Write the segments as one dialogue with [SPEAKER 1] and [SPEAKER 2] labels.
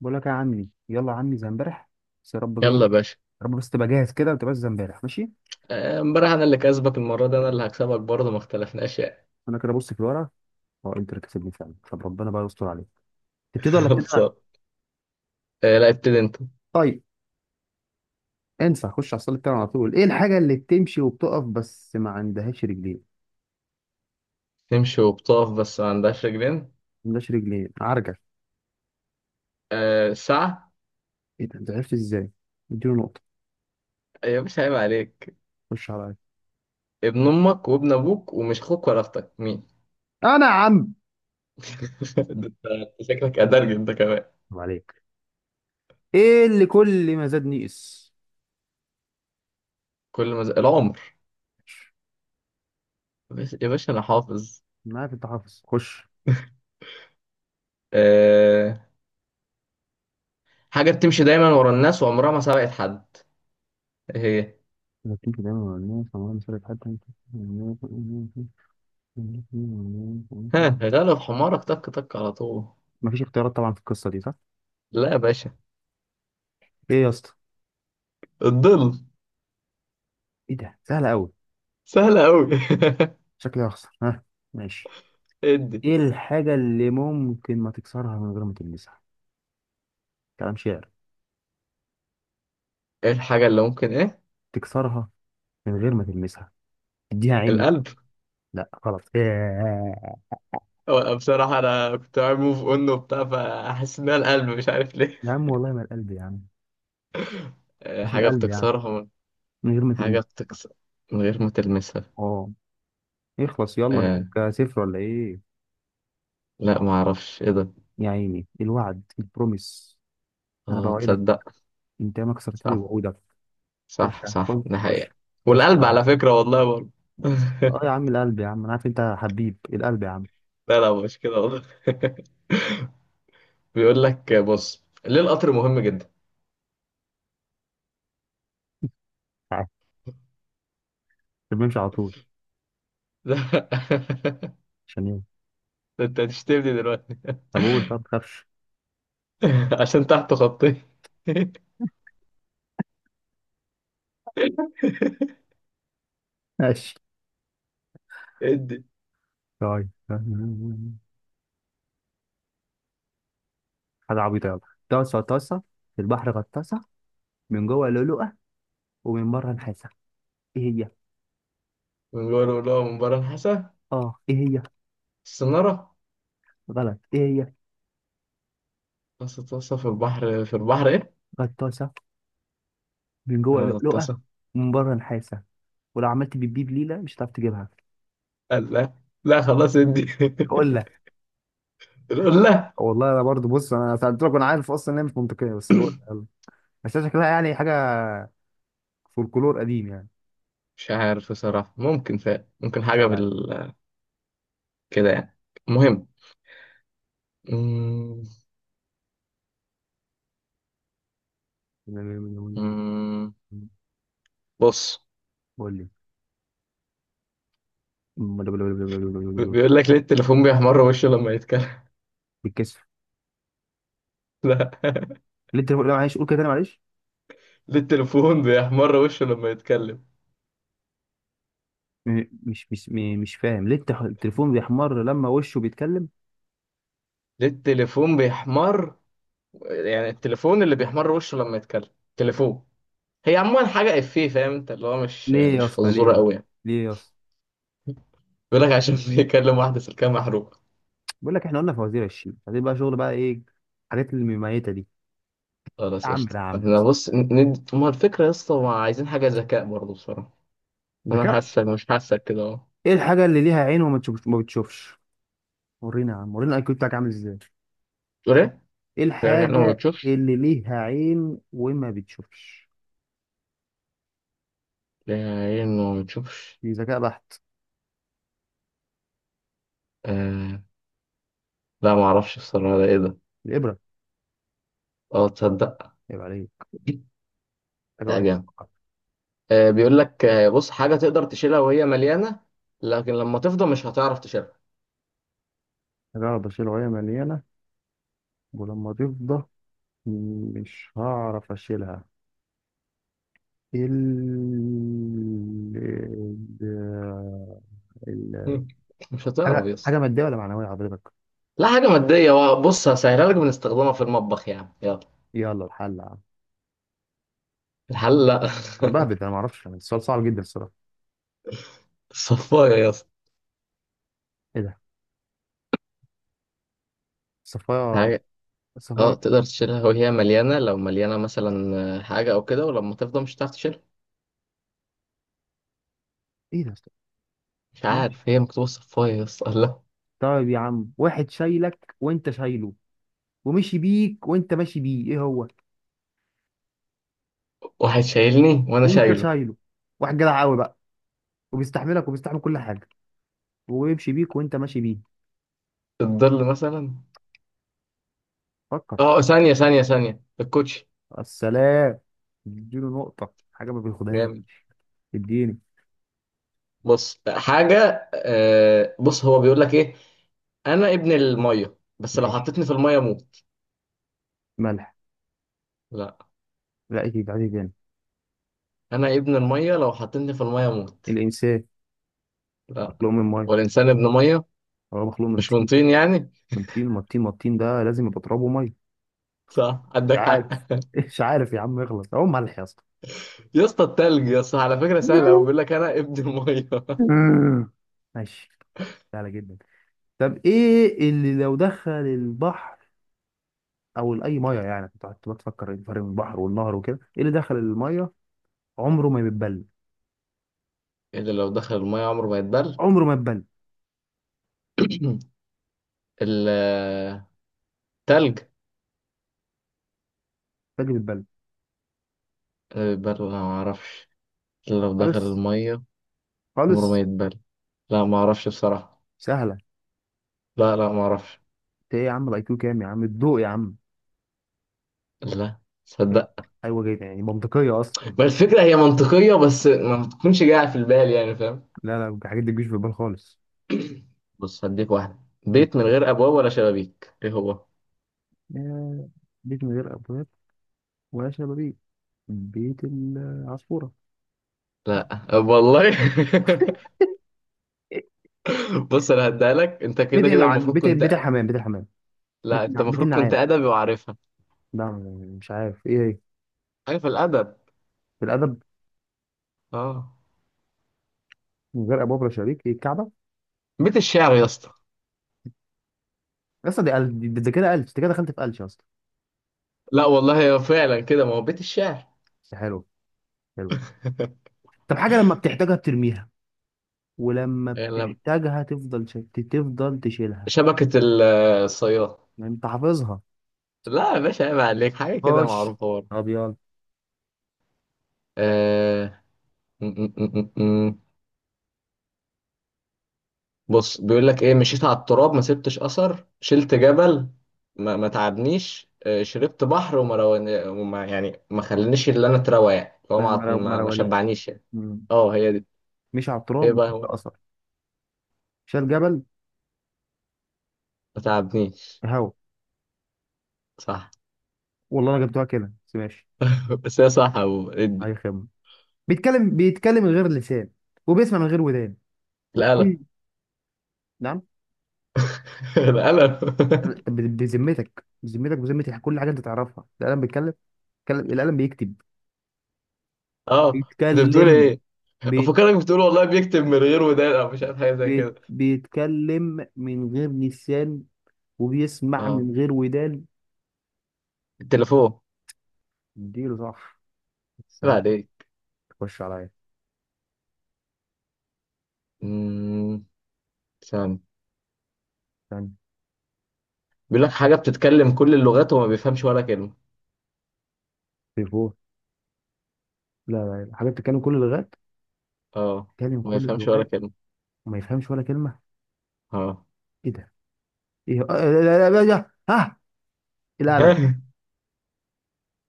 [SPEAKER 1] بقول لك يا عمي، يلا يا عمي زي امبارح. بس يا رب، جاي يا
[SPEAKER 2] يلا يا باشا.
[SPEAKER 1] رب بس تبقى جاهز كده وتبقى زي امبارح، ماشي.
[SPEAKER 2] آه، امبارح انا اللي كسبك المره دي انا اللي هكسبك برضه ما اختلفناش يعني.
[SPEAKER 1] انا كده بص في الورقه. اه انتر كسبني فعلا، طب ربنا بقى يستر عليك. تبتدي ولا ابتدي انا؟
[SPEAKER 2] خلصان. آه، لا ابتدي انت.
[SPEAKER 1] طيب، انسى، خش على الصليب بتاعنا على طول. ايه الحاجه اللي بتمشي وبتقف بس ما عندهاش رجلين؟
[SPEAKER 2] تمشي وبتقف بس ما عندهاش رجلين.
[SPEAKER 1] ما عندهاش رجلين، عرجل.
[SPEAKER 2] أه ساعه.
[SPEAKER 1] ايه ده، انت عرفت ازاي؟ اديله نقطه.
[SPEAKER 2] يا باشا عيب عليك.
[SPEAKER 1] خش عليا.
[SPEAKER 2] ابن امك وابن ابوك ومش اخوك ولا اختك مين؟
[SPEAKER 1] انا يا عم.
[SPEAKER 2] ده انت. أنت شكلك ادرج انت كمان.
[SPEAKER 1] طب عليك. ايه اللي كل ما زاد نقص؟
[SPEAKER 2] كل ما العمر. بس يا باشا انا حافظ.
[SPEAKER 1] انا عارف انت حافظ، خش.
[SPEAKER 2] أه. حاجه بتمشي دايما ورا الناس وعمرها ما سبقت حد. إيه هي؟
[SPEAKER 1] إذا كنت دايما مع الناس، أمرها مسألة حد.
[SPEAKER 2] ها غلب حمارك تك تك على طول.
[SPEAKER 1] مفيش اختيارات طبعا في القصة دي صح؟
[SPEAKER 2] لا يا باشا.
[SPEAKER 1] ايه يا اسطى؟
[SPEAKER 2] الظل.
[SPEAKER 1] ايه ده؟ سهلة أوي.
[SPEAKER 2] سهله قوي
[SPEAKER 1] شكلي هخسر ها. ماشي.
[SPEAKER 2] ادي.
[SPEAKER 1] ايه الحاجة اللي ممكن ما تكسرها من غير ما تلمسها؟ كلام، شعر،
[SPEAKER 2] ايه الحاجة اللي ممكن ايه؟
[SPEAKER 1] تكسرها من غير ما تلمسها. اديها عين
[SPEAKER 2] القلب.
[SPEAKER 1] مثلا. لا غلط. إيه.
[SPEAKER 2] هو أنا بصراحة انا كنت عامل موف اون وبتاع فحاسس انها القلب مش عارف ليه.
[SPEAKER 1] يا عم والله ما القلب يا عم.
[SPEAKER 2] آه،
[SPEAKER 1] مش
[SPEAKER 2] حاجة
[SPEAKER 1] القلب يا عم،
[SPEAKER 2] بتكسرها.
[SPEAKER 1] من غير ما
[SPEAKER 2] حاجة
[SPEAKER 1] تلمسها.
[SPEAKER 2] بتكسر من غير ما تلمسها.
[SPEAKER 1] اه. اخلص يلا،
[SPEAKER 2] آه.
[SPEAKER 1] اديك صفر ولا ايه؟
[SPEAKER 2] لا ما اعرفش ايه ده.
[SPEAKER 1] يا عيني الوعد البروميس. انا
[SPEAKER 2] اه
[SPEAKER 1] بوعدك.
[SPEAKER 2] تصدق.
[SPEAKER 1] انت ما كسرت لي
[SPEAKER 2] صح
[SPEAKER 1] وعودك. خش
[SPEAKER 2] صح صح،
[SPEAKER 1] خش
[SPEAKER 2] ده
[SPEAKER 1] خش.
[SPEAKER 2] حقيقة.
[SPEAKER 1] خش
[SPEAKER 2] والقلب
[SPEAKER 1] عليا.
[SPEAKER 2] على فكرة والله برضه.
[SPEAKER 1] اه يا عم القلب يا عم، انا عارف انت حبيب إيه، القلب يا عم.
[SPEAKER 2] لا لا مش كده والله. بيقول لك بص ليه القطر مهم جدا.
[SPEAKER 1] عارف، بنمشي على طول. عشان ايه؟
[SPEAKER 2] ده انت هتشتمني دلوقتي.
[SPEAKER 1] طب قول، طب ما تخافش.
[SPEAKER 2] عشان تحته خطين.
[SPEAKER 1] ماشي.
[SPEAKER 2] ادي.
[SPEAKER 1] طيب، حاجة عبيطة يلا. طاسة طاسة في البحر غطاسة، من جوه لؤلؤة ومن بره نحاسة، ايه هي؟
[SPEAKER 2] بيقولوا له مباراة الحسا.
[SPEAKER 1] اه ايه هي؟
[SPEAKER 2] السنارة.
[SPEAKER 1] غلط، ايه هي؟
[SPEAKER 2] غطاسة غطاسة في البحر في البحر إيه؟
[SPEAKER 1] غطاسة من جوه لؤلؤة
[SPEAKER 2] غطاسة.
[SPEAKER 1] ومن بره نحاسة، ولو عملت بيبيب ليلة مش هتعرف تجيبها.
[SPEAKER 2] قال لا. لا خلاص ادي.
[SPEAKER 1] اقول لك.
[SPEAKER 2] يقول لا.
[SPEAKER 1] والله انا برضو، بص، انا سالت لك وانا عارف اصلا ان هي مش منطقيه، بس الوقت، بس شكلها يعني حاجه فولكلور قديم يعني.
[SPEAKER 2] مش عارف بصراحة ممكن فعلا ممكن
[SPEAKER 1] خش
[SPEAKER 2] حاجة بال كده يعني. المهم. مم،
[SPEAKER 1] عليا.
[SPEAKER 2] مم، بص.
[SPEAKER 1] قول لي.
[SPEAKER 2] بيقول لك ليه التليفون بيحمر وشه لما يتكلم.
[SPEAKER 1] بالكسف.
[SPEAKER 2] لا.
[SPEAKER 1] ليه التليفون، لا معلش قول كده تاني، معلش.
[SPEAKER 2] ليه التليفون بيحمر وشه لما يتكلم؟
[SPEAKER 1] مش فاهم، ليه التليفون بيحمر لما وشه بيتكلم؟
[SPEAKER 2] ليه التليفون بيحمر؟ يعني التليفون اللي بيحمر وشه لما يتكلم. تليفون. هي عموما حاجة إفيه فاهم أنت اللي هو مش
[SPEAKER 1] ليه يا
[SPEAKER 2] مش
[SPEAKER 1] اسطى،
[SPEAKER 2] فزورة
[SPEAKER 1] ليه؟
[SPEAKER 2] أوي يعني.
[SPEAKER 1] ليه يا اسطى؟
[SPEAKER 2] بيقول لك عشان بيكلم واحدة سلكها محروقة.
[SPEAKER 1] بقول لك احنا قلنا فوازير الشيء، عايزين بقى شغل بقى، ايه الحاجات المميتة دي؟ يا
[SPEAKER 2] خلاص
[SPEAKER 1] عم يا
[SPEAKER 2] قشطة
[SPEAKER 1] عم،
[SPEAKER 2] احنا بص ما الفكرة يا اسطى ما عايزين حاجة ذكاء برضه بصراحة. أنا
[SPEAKER 1] ذكاء.
[SPEAKER 2] حاسك مش حاسك كده أهو.
[SPEAKER 1] ايه الحاجة اللي ليها عين وما تشوفش، ما بتشوفش؟ ورينا يا عم، ورينا الاي كيو بتاعك عامل ازاي.
[SPEAKER 2] تقول إيه؟
[SPEAKER 1] ايه
[SPEAKER 2] يعني إنه ما
[SPEAKER 1] الحاجة
[SPEAKER 2] بتشوفش؟
[SPEAKER 1] اللي ليها عين وما بتشوفش؟
[SPEAKER 2] يعني إنه ما بتشوفش؟
[SPEAKER 1] دي ذكاء بحت.
[SPEAKER 2] آه. لا ما أعرفش بصراحة ده إيه ده؟
[SPEAKER 1] الإبرة.
[SPEAKER 2] أه تصدق.
[SPEAKER 1] يبقى عليك. حاجة
[SPEAKER 2] لا
[SPEAKER 1] واحد.
[SPEAKER 2] جامد. بيقول لك بص حاجة تقدر تشيلها وهي مليانة لكن لما تفضى مش هتعرف تشيلها.
[SPEAKER 1] حاجة واحد بشيل وهي مليانة، ولما تفضى مش هعرف اشيلها. ال ال ال-
[SPEAKER 2] مش هتعرف
[SPEAKER 1] حاجه
[SPEAKER 2] يا
[SPEAKER 1] حاجه
[SPEAKER 2] اسطى.
[SPEAKER 1] ماديه ولا معنويه حضرتك؟
[SPEAKER 2] لا حاجة مادية بقى بص هسهلها لك بنستخدمها في المطبخ يعني يلا.
[SPEAKER 1] يلا الحل يا عم.
[SPEAKER 2] الحلة.
[SPEAKER 1] انا بهبد، انا ما اعرفش يعني، السؤال صعب جدا الصراحه.
[SPEAKER 2] الصفاية يا اسطى.
[SPEAKER 1] ايه ده؟ صفايا.
[SPEAKER 2] حاجة. اه
[SPEAKER 1] صفايا.
[SPEAKER 2] تقدر تشيلها وهي مليانة لو مليانة مثلا حاجة أو كده ولما تفضى مش هتعرف تشيلها.
[SPEAKER 1] ايه ده؟
[SPEAKER 2] مش
[SPEAKER 1] ماشي.
[SPEAKER 2] عارف هي مكتوبة الصفاية يا اسطى الله.
[SPEAKER 1] طيب يا عم، واحد شايلك وانت شايله، ومشي بيك وانت ماشي بيه، ايه هو؟
[SPEAKER 2] واحد شايلني وأنا
[SPEAKER 1] وانت
[SPEAKER 2] شايله.
[SPEAKER 1] شايله، واحد جدع قوي بقى، وبيستحملك وبيستحمل كل حاجه، ويمشي بيك وانت ماشي بيه.
[SPEAKER 2] الظل مثلا.
[SPEAKER 1] فكر.
[SPEAKER 2] اه ثانية ثانية ثانية الكوتشي.
[SPEAKER 1] السلام. اديله نقطة. حاجة ما بياخدهاش.
[SPEAKER 2] جامد.
[SPEAKER 1] اديني.
[SPEAKER 2] بص حاجة بص هو بيقول لك إيه. أنا ابن المية بس لو
[SPEAKER 1] ماشي.
[SPEAKER 2] حطيتني في المية أموت.
[SPEAKER 1] ملح.
[SPEAKER 2] لا.
[SPEAKER 1] لا، ايه عادي تاني.
[SPEAKER 2] أنا ابن المية لو حطيتني في المية أموت.
[SPEAKER 1] الإنسان
[SPEAKER 2] لا.
[SPEAKER 1] مخلوق من مية،
[SPEAKER 2] والإنسان ابن مية.
[SPEAKER 1] هو مخلوق من
[SPEAKER 2] مش من
[SPEAKER 1] طين،
[SPEAKER 2] طين يعني.
[SPEAKER 1] من طين، ما الطين، ما الطين ده لازم يبقى ترابه مية.
[SPEAKER 2] صح
[SPEAKER 1] مش
[SPEAKER 2] عندك حق
[SPEAKER 1] عارف. مش عارف يا عم، اغلط، هو ملح يا اسطى.
[SPEAKER 2] يا اسطى التلج يا اسطى على فكرة سهلة أوي بيقول لك أنا ابن المية
[SPEAKER 1] ماشي. سهلة جدا. طب ايه اللي لو دخل البحر او اي ميه يعني، كنت قعدت بتفكر إيه الفرق بين البحر والنهر وكده، ايه اللي دخل الميه عمره ما بيتبل؟
[SPEAKER 2] إيه اللي لو دخل المية عمره ما يتبل؟
[SPEAKER 1] عمره ما يتبل.
[SPEAKER 2] التلج.
[SPEAKER 1] باجي بيتبل
[SPEAKER 2] يتبل ولا ما أعرفش. اللي لو دخل
[SPEAKER 1] خالص،
[SPEAKER 2] المية عمره
[SPEAKER 1] خالص.
[SPEAKER 2] ما يتبل. لا ما أعرفش بصراحة.
[SPEAKER 1] سهله.
[SPEAKER 2] لا لا ما أعرفش.
[SPEAKER 1] انت ايه يا عم، الاي كيو كام يا عم؟ الضوء يا عم.
[SPEAKER 2] لا. صدق.
[SPEAKER 1] ايوه جدا، يعني منطقيه اصلا.
[SPEAKER 2] ما الفكرة هي منطقية بس ما بتكونش جاية في البال يعني فاهم.
[SPEAKER 1] لا لا، الحاجات دي مش في البال خالص.
[SPEAKER 2] بص هديك واحدة. بيت من غير أبواب ولا شبابيك إيه هو؟
[SPEAKER 1] آه، بيت من غير ابواب ولا شبابيك. بيت العصفوره.
[SPEAKER 2] لا والله. بص انا هديها لك انت
[SPEAKER 1] بيت
[SPEAKER 2] كده كده
[SPEAKER 1] العن
[SPEAKER 2] المفروض
[SPEAKER 1] بيت بيت
[SPEAKER 2] كنت.
[SPEAKER 1] الحمام، بيت الحمام،
[SPEAKER 2] لا انت
[SPEAKER 1] بيت
[SPEAKER 2] المفروض كنت
[SPEAKER 1] النعام.
[SPEAKER 2] ادبي وعارفها.
[SPEAKER 1] لا، مش عارف ايه هي.
[SPEAKER 2] عارف الادب.
[SPEAKER 1] في الادب.
[SPEAKER 2] اه.
[SPEAKER 1] من غير ابواب ولا شبابيك، ايه الكعبه؟
[SPEAKER 2] بيت الشعر يا اسطى.
[SPEAKER 1] اصلا دي ألف، ده كده ألف، انت كده دخلت في ألف اصلا.
[SPEAKER 2] لا والله هو فعلا كده ما هو بيت الشعر.
[SPEAKER 1] بس حلو، حلو. طب حاجه لما بتحتاجها بترميها، ولما
[SPEAKER 2] يلا،
[SPEAKER 1] بتحتاجها تفضل تشيلها.
[SPEAKER 2] شبكة الصياد.
[SPEAKER 1] يعني انت حافظها.
[SPEAKER 2] لا يا باشا عيب عليك حاجة كده
[SPEAKER 1] خش.
[SPEAKER 2] معروفة برضه.
[SPEAKER 1] ابيض.
[SPEAKER 2] آه. م- م- م- م- م. بص بيقول لك ايه مشيت على التراب ما سبتش اثر شلت جبل ما تعبنيش شربت بحر وما, رواني... وما يعني ما خلانيش اللي انا اتروى يعني هو ما
[SPEAKER 1] ما
[SPEAKER 2] ما ما
[SPEAKER 1] روانيش.
[SPEAKER 2] شبعنيش يعني.
[SPEAKER 1] مم.
[SPEAKER 2] اه هي دي.
[SPEAKER 1] مشي على
[SPEAKER 2] ايه
[SPEAKER 1] التراب
[SPEAKER 2] بقى هو؟
[SPEAKER 1] مسافه اثر، شال جبل.
[SPEAKER 2] ما تعبنيش.
[SPEAKER 1] هوا.
[SPEAKER 2] صح.
[SPEAKER 1] والله انا جبتها كده بس، ماشي.
[SPEAKER 2] بس هي صح هو القلم.
[SPEAKER 1] اي خدمه. بيتكلم، بيتكلم من غير لسان، وبيسمع من غير ودان. مم. نعم.
[SPEAKER 2] القلم.
[SPEAKER 1] بذمتك، بذمتك، بذمتي كل حاجه انت تعرفها. القلم بيتكلم؟ القلم بيكتب.
[SPEAKER 2] اه انت بتقول
[SPEAKER 1] بيتكلم.
[SPEAKER 2] ايه.
[SPEAKER 1] بيت
[SPEAKER 2] افكرك بتقول والله بيكتب من غير ودان او مش عارف حاجه زي
[SPEAKER 1] بيت
[SPEAKER 2] كده.
[SPEAKER 1] بيتكلم من غير لسان، وبيسمع
[SPEAKER 2] اه.
[SPEAKER 1] من غير ودان.
[SPEAKER 2] التليفون.
[SPEAKER 1] اديله صح. السلام
[SPEAKER 2] بعد
[SPEAKER 1] عليكم.
[SPEAKER 2] ايه.
[SPEAKER 1] خش عليا.
[SPEAKER 2] امم ثاني.
[SPEAKER 1] استنى.
[SPEAKER 2] بيقول لك حاجه بتتكلم كل اللغات وما بيفهمش ولا كلمه.
[SPEAKER 1] في فور. لا لا لا. حاجه بتتكلم كل اللغات،
[SPEAKER 2] اه.
[SPEAKER 1] بتتكلم
[SPEAKER 2] ما
[SPEAKER 1] كل
[SPEAKER 2] يفهمش ولا
[SPEAKER 1] اللغات
[SPEAKER 2] كلمه.
[SPEAKER 1] وما يفهمش ولا كلمه.
[SPEAKER 2] اه.
[SPEAKER 1] ايه ده؟ ايه؟ آه، لا لا لا لا ها، إيه، القلم.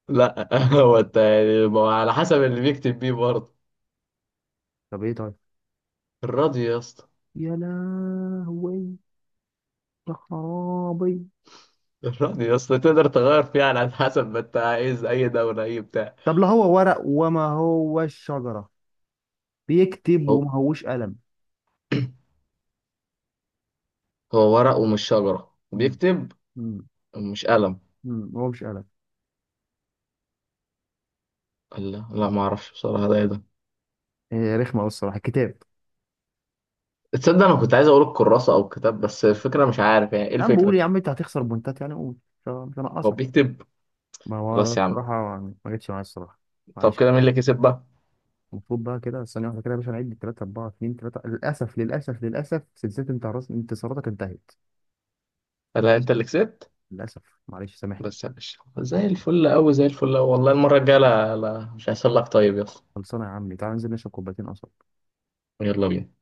[SPEAKER 2] لا. هو انت يعني ما هو على حسب اللي بيكتب بيه برضه.
[SPEAKER 1] طب ايه؟ طيب،
[SPEAKER 2] الراديو يا اسطى.
[SPEAKER 1] يا لهوي يا خرابي.
[SPEAKER 2] الراديو يا اسطى تقدر تغير فيه على حسب ما انت عايز اي دوله اي بتاع.
[SPEAKER 1] طب لا، هو ورق وما هو الشجره، بيكتب
[SPEAKER 2] هو.
[SPEAKER 1] وما هوش قلم.
[SPEAKER 2] هو ورق ومش شجرة
[SPEAKER 1] مم،
[SPEAKER 2] وبيكتب
[SPEAKER 1] مم،
[SPEAKER 2] ومش قلم.
[SPEAKER 1] هو مش قلم.
[SPEAKER 2] قال لا لا ما اعرفش بصراحة ده ايه ده.
[SPEAKER 1] إيه رخمه قوي الصراحه. كتاب.
[SPEAKER 2] تصدق انا كنت عايز اقول الكراسة او الكتاب بس
[SPEAKER 1] مم.
[SPEAKER 2] الفكرة مش عارف يعني ايه
[SPEAKER 1] انا بقول
[SPEAKER 2] الفكرة.
[SPEAKER 1] يا عم انت هتخسر بوينتات يعني، قول، مش
[SPEAKER 2] هو
[SPEAKER 1] هنقصك.
[SPEAKER 2] بيكتب.
[SPEAKER 1] ما هو أنا
[SPEAKER 2] خلاص يا عم.
[SPEAKER 1] بصراحه ما جتش معايا الصراحه،
[SPEAKER 2] طب
[SPEAKER 1] معلش.
[SPEAKER 2] كده مين اللي كسب بقى؟
[SPEAKER 1] المفروض بقى كده، ثانية واحدة كده يا باشا، نعد 3 4 2 3. للأسف، للأسف، للأسف، سلسلة انت انتصاراتك انتهت.
[SPEAKER 2] قال لها انت اللي كسبت.
[SPEAKER 1] للأسف، معلش سامحني.
[SPEAKER 2] بس يا باشا زي الفل قوي زي الفل قوي والله المرة الجاية لا لا مش هيحصل لك طيب يا اسطى.
[SPEAKER 1] خلصانة يا عمي، تعال ننزل نشرب كوبايتين قصب.
[SPEAKER 2] يلا بينا.